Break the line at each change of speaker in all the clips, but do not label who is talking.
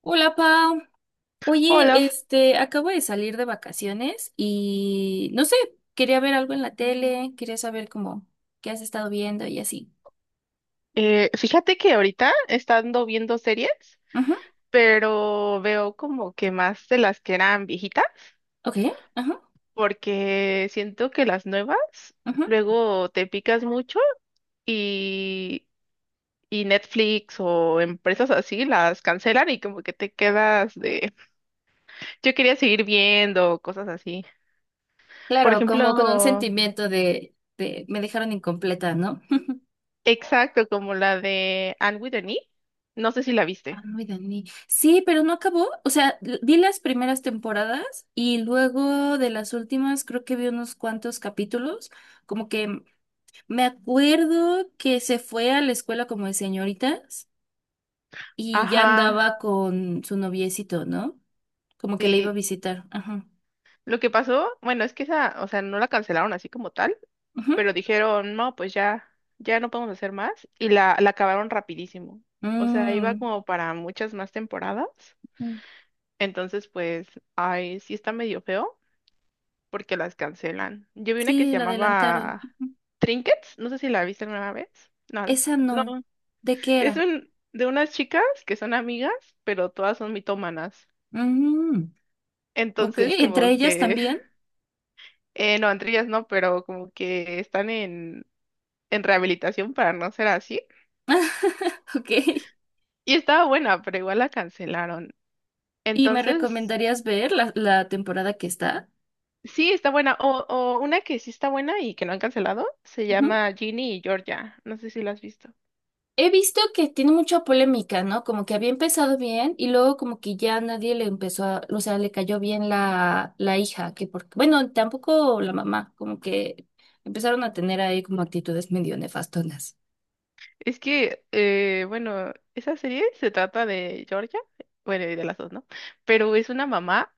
Hola, Pau.
Hola,
Oye, este, acabo de salir de vacaciones y no sé, quería ver algo en la tele, quería saber cómo, qué has estado viendo y así.
fíjate que ahorita estando viendo series,
Ajá,
pero veo como que más de las que eran viejitas,
ok, ajá,
porque siento que las nuevas
ajá.
luego te picas mucho y, y Netflix o empresas así las cancelan y como que te quedas de, yo quería seguir viendo cosas así. Por
Claro, como con un
ejemplo,
sentimiento de, me dejaron incompleta, ¿no?
exacto, como la de Anne with an E, no sé si la
Ah,
viste.
muy Dani. Sí, pero no acabó. O sea, vi las primeras temporadas y luego de las últimas creo que vi unos cuantos capítulos. Como que me acuerdo que se fue a la escuela como de señoritas y ya
Ajá,
andaba con su noviecito, ¿no? Como que le iba a
sí.
visitar. Ajá.
Lo que pasó, bueno, es que esa, o sea, no la cancelaron así como tal,
Ujú.
pero dijeron, no, pues ya, ya no podemos hacer más, y la acabaron rapidísimo. O sea, iba
Mm.
como para muchas más temporadas.
Mm.
Entonces, pues, ay, sí está medio feo porque las cancelan. Yo vi una que se
Sí, la adelantaron.
llamaba
Ujú.
Trinkets, no sé si la viste alguna vez. No,
Esa
no,
no. ¿De qué
es
era?
un, de unas chicas que son amigas, pero todas son mitómanas.
Mm. Ok,
Entonces,
¿entre
como
ellas
que
también?
no, entre ellas no, pero como que están en rehabilitación para no ser así.
Ok.
Y estaba buena, pero igual la cancelaron.
¿Y me
Entonces,
recomendarías ver la, temporada que está?
sí, está buena. O una que sí está buena y que no han cancelado, se llama Ginny y Georgia. No sé si la has visto.
He visto que tiene mucha polémica, ¿no? Como que había empezado bien y luego como que ya nadie le empezó a, o sea, le cayó bien la, hija, que porque, bueno, tampoco la mamá, como que empezaron a tener ahí como actitudes medio nefastonas.
Es que, bueno, esa serie se trata de Georgia, bueno, y de las dos, ¿no? Pero es una mamá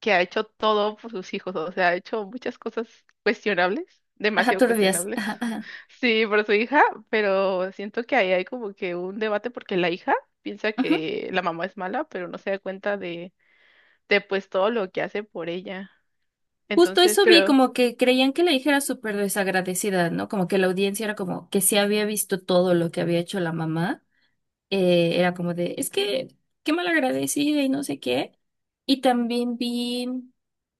que ha hecho todo por sus hijos, o sea, ha hecho muchas cosas cuestionables,
Ajá,
demasiado
turbias.
cuestionables.
Ajá, ajá.
Sí, por su hija, pero siento que ahí hay como que un debate porque la hija piensa
Ujú.
que la mamá es mala, pero no se da cuenta de pues todo lo que hace por ella.
Justo
Entonces,
eso vi,
pero,
como que creían que la hija era súper desagradecida, ¿no? Como que la audiencia era como que sí había visto todo lo que había hecho la mamá. Era como de, es que, qué mal agradecida y no sé qué. Y también vi.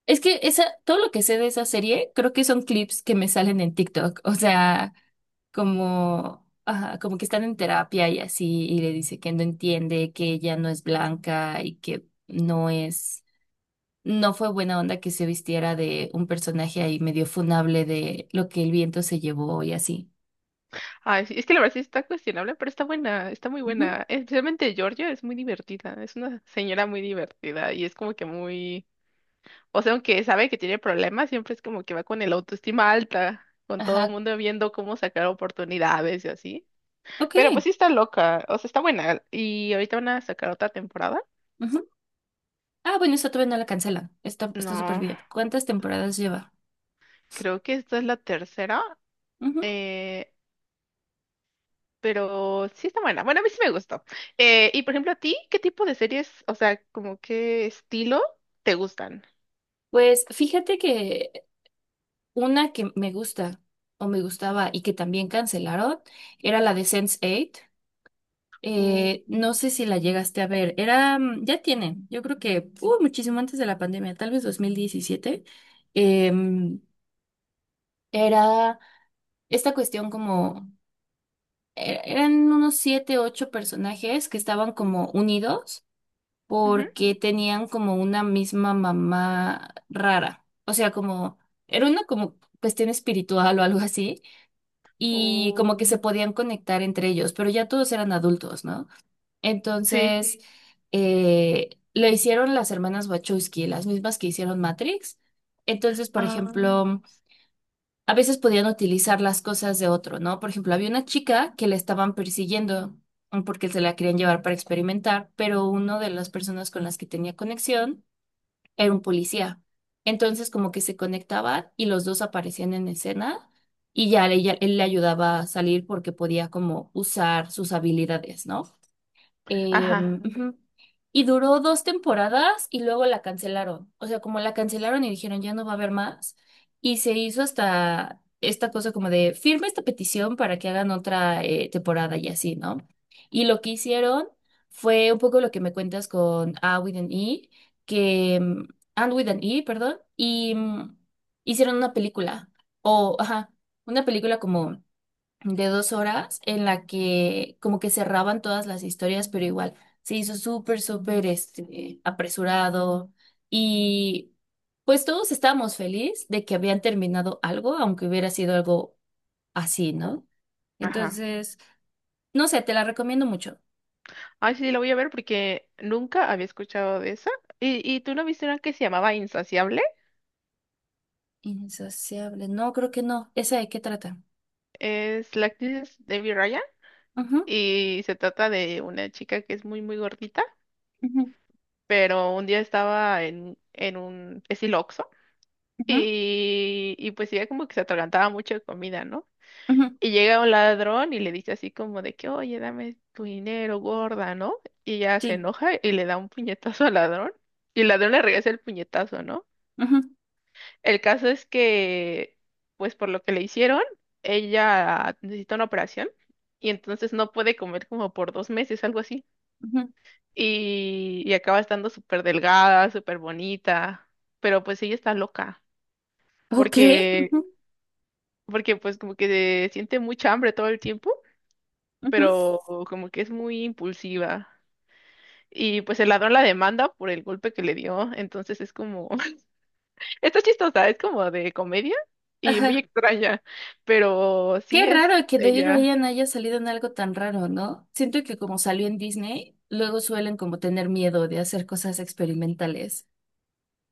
Es que esa, todo lo que sé de esa serie, creo que son clips que me salen en TikTok. O sea, como, ajá, como que están en terapia y así, y le dice que no entiende, que ella no es blanca y que no es, no fue buena onda que se vistiera de un personaje ahí medio funable de lo que el viento se llevó y así.
ay, sí, es que la verdad sí está cuestionable, pero está buena, está muy
Ujú.
buena. Especialmente Georgia es muy divertida, es una señora muy divertida y es como que muy... O sea, aunque sabe que tiene problemas, siempre es como que va con el autoestima alta, con todo el
Ajá,
mundo viendo cómo sacar oportunidades y así.
ok.
Pero pues sí está loca, o sea, está buena. Y ahorita van a sacar otra temporada.
Ujú. Ah, bueno, esa todavía no la cancela. Está, está súper
No,
bien. ¿Cuántas temporadas lleva?
creo que esta es la tercera,
Ujú.
eh, pero sí está buena. Bueno, a mí sí me gustó. Y por ejemplo, ¿a ti qué tipo de series, o sea, como qué estilo te gustan?
Pues fíjate que una que me gusta o me gustaba y que también cancelaron era la de Sense Eight.
Uh,
No sé si la llegaste a ver. Era, ya tiene, yo creo que muchísimo antes de la pandemia, tal vez 2017. Em, era esta cuestión como, eran unos siete, ocho personajes que estaban como unidos
Ujú.
porque tenían como una misma mamá rara. O sea, como, era una como cuestión espiritual o algo así y
Uh,
como que se podían conectar entre ellos, pero ya todos eran adultos, ¿no?
sí.
Entonces, lo hicieron las hermanas Wachowski, las mismas que hicieron Matrix. Entonces, por
Ah,
ejemplo, a veces podían utilizar las cosas de otro, ¿no? Por ejemplo, había una chica que la estaban persiguiendo porque se la querían llevar para experimentar, pero una de las personas con las que tenía conexión era un policía. Entonces como que se conectaban y los dos aparecían en escena y ya él le ayudaba a salir porque podía como usar sus habilidades, ¿no?
ajá,
Ujú. Y duró dos temporadas y luego la cancelaron. O sea, como la cancelaron y dijeron ya no va a haber más. Y se hizo hasta esta cosa como de firma esta petición para que hagan otra temporada y así, ¿no? Y lo que hicieron fue un poco lo que me cuentas con A with an E, que And with an E, perdón, y hicieron una película. O, ajá, una película como de 2 horas en la que como que cerraban todas las historias, pero igual se hizo súper, súper este, apresurado y pues todos estábamos felices de que habían terminado algo, aunque hubiera sido algo así, ¿no?
ajá.
Entonces, no sé, te la recomiendo mucho.
Ay, sí, la voy a ver porque nunca había escuchado de esa. ¿Y, tú no viste una que se llamaba Insaciable?
Insaciable, no, creo que no. ¿Esa de qué trata?
Es la actriz Es Debbie Ryan
Ujú,
y se trata de una chica que es muy, muy gordita,
ujú,
pero un día estaba en un estilo Oxxo
ujú,
y pues ella como que se atragantaba mucho de comida, ¿no?
ujú.
Y llega un ladrón y le dice así como de que, oye, dame tu dinero, gorda, ¿no? Y ella se
Sí.
enoja y le da un puñetazo al ladrón y el ladrón le regresa el puñetazo, ¿no?
Ujú,
El caso es que, pues por lo que le hicieron, ella necesita una operación y entonces no puede comer como por dos meses, algo así.
ujú.
Y acaba estando súper delgada, súper bonita, pero pues ella está loca
Ok.
porque,
Ujú,
porque pues como que siente mucha hambre todo el tiempo,
ujú,
pero como que es muy impulsiva. Y pues el ladrón la demanda por el golpe que le dio, entonces es como... Está chistosa, es como de comedia y muy
ajá.
extraña, pero
Qué
sí es
raro que David
ella.
Ryan haya salido en algo tan raro, ¿no? Siento que como salió en Disney, luego suelen como tener miedo de hacer cosas experimentales.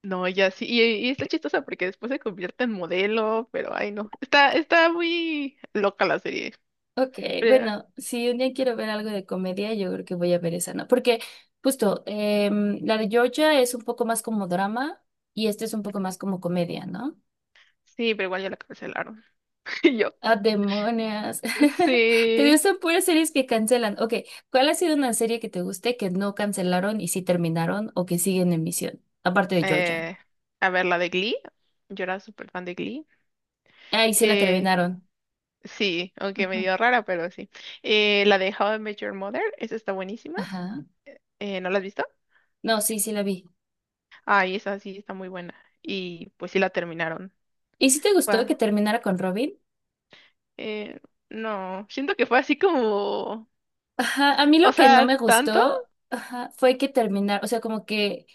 No, ella sí, y está chistosa porque después se convierte en modelo, pero ay no, está, está muy loca la serie.
Ok,
Pero-
bueno, si un día quiero ver algo de comedia, yo creo que voy a ver esa, ¿no? Porque justo, em, la de Georgia es un poco más como drama y este es un poco más como comedia, ¿no?
sí, pero igual ya la cancelaron. Y yo,
Ah, demonios. Te
sí,
gustan puras series que cancelan. Ok, ¿cuál ha sido una serie que te guste que no cancelaron y sí terminaron o que siguen en emisión? Aparte de Georgia.
eh, a ver, la de Glee, yo era súper fan de Glee.
Ahí sí la
Eh,
terminaron.
sí, aunque
Ujú.
medio rara, pero sí. La de How I Met Your Mother, esa está buenísima,
Ajá.
¿no la has visto?
No, sí, sí la vi.
Ay, esa sí está muy buena. Y pues sí la terminaron.
¿Y si te gustó
Fue-
que terminara con Robin?
eh, no, siento que fue así como,
Ajá, a mí
o
lo que no me
sea, tanto.
gustó, ajá, fue que terminar, o sea, como que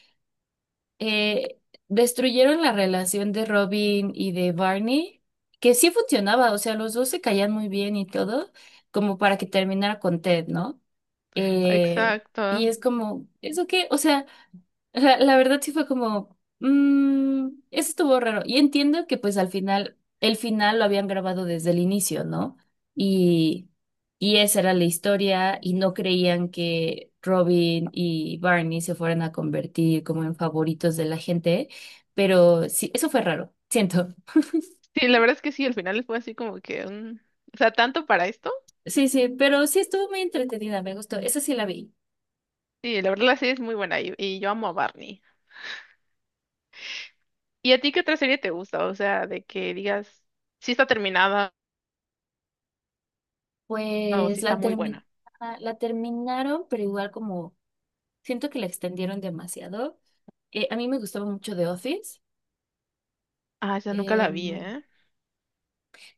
eh, destruyeron la relación de Robin y de Barney, que sí funcionaba, o sea, los dos se caían muy bien y todo, como para que terminara con Ted, ¿no? Eh, y
Exacto.
es como, ¿eso qué? O sea. O sea, la verdad sí fue como, eso estuvo raro. Y entiendo que pues al final, el final lo habían grabado desde el inicio, ¿no? Y, esa era la historia y no creían que Robin y Barney se fueran a convertir como en favoritos de la gente, pero sí, eso fue raro, siento.
Sí, la verdad es que sí, al final fue así como que, mm, o sea, tanto para esto.
Sí, sí, pero sí estuvo muy entretenida, me gustó. Esa sí la vi.
Sí, la verdad la serie es muy buena y yo amo a Barney. ¿Y a ti qué otra serie te gusta? O sea, de que digas si está terminada o si
Pues
está
la
muy
termi-
buena.
la terminaron, pero igual como siento que la extendieron demasiado. A mí me gustaba mucho The Office.
Ah, esa nunca la vi,
Em,
¿eh?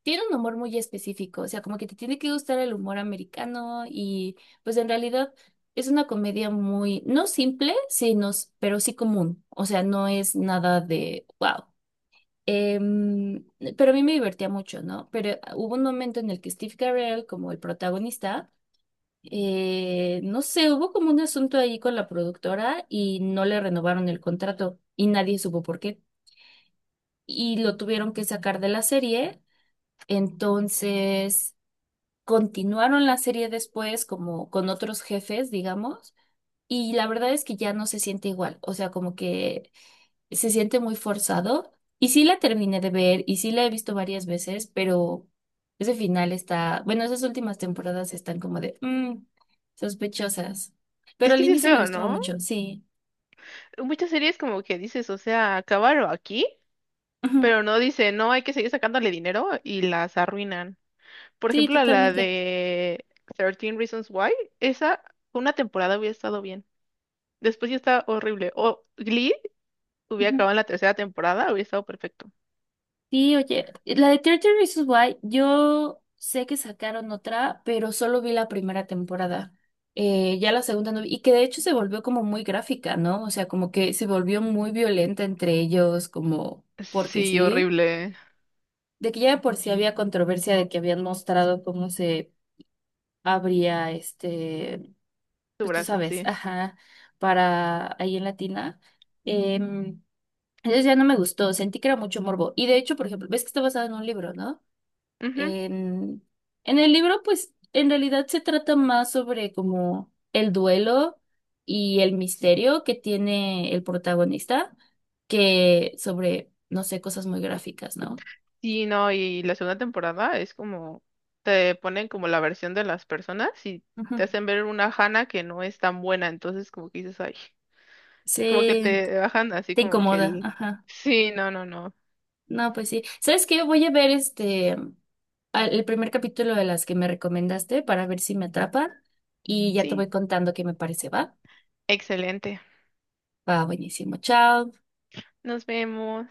tiene un humor muy específico, o sea, como que te tiene que gustar el humor americano y pues en realidad es una comedia muy, no simple, sino, pero sí común, o sea, no es nada de, wow. Em, pero a mí me divertía mucho, ¿no? Pero hubo un momento en el que Steve Carell, como el protagonista, no sé, hubo como un asunto ahí con la productora y no le renovaron el contrato y nadie supo por qué. Y lo tuvieron que sacar de la serie. Entonces, continuaron la serie después como con otros jefes, digamos, y la verdad es que ya no se siente igual, o sea, como que se siente muy forzado. Y sí la terminé de ver y sí la he visto varias veces, pero ese final está, bueno, esas últimas temporadas están como de sospechosas. Pero
Es que
al
sí es
inicio me
feo,
gustaba
¿no?
mucho, sí.
Muchas series como que dices, o sea, acabaron aquí.
Ujú.
Pero no dice, no, hay que seguir sacándole dinero y las arruinan. Por
Sí,
ejemplo, a la
totalmente.
de Thirteen Reasons Why, esa una temporada hubiera estado bien. Después ya está horrible. O Glee hubiera
Ujú.
acabado en la tercera temporada, hubiera estado perfecto.
Sí, oye, la de 13 Reasons Why, yo sé que sacaron otra, pero solo vi la primera temporada. Ya la segunda no vi, y que de hecho se volvió como muy gráfica, ¿no? O sea, como que se volvió muy violenta entre ellos, como porque
Sí,
sí,
horrible.
de que ya de por sí había controversia de que habían mostrado cómo se abría este,
Tu
pues tú
brazo,
sabes,
sí.
ajá, para ahí en Latina. Em, entonces ya no me gustó, sentí que era mucho morbo. Y de hecho, por ejemplo, ves que está basado en un libro, ¿no?
Ujú.
En, el libro, pues, en realidad se trata más sobre como el duelo y el misterio que tiene el protagonista que sobre, no sé, cosas muy gráficas, ¿no?
Sí, no, y la segunda temporada es como, te ponen como la versión de las personas y te
Ujú.
hacen ver una Hannah que no es tan buena, entonces como que dices, ay, como que
Sí,
te bajan así
te
como que
incomoda,
el...
ajá.
Sí, no, no, no.
No, pues sí. ¿Sabes qué? Voy a ver este el primer capítulo de las que me recomendaste para ver si me atrapa y ya te
Sí,
voy contando qué me parece, ¿va?
excelente.
Va, buenísimo. Chao.
Nos vemos.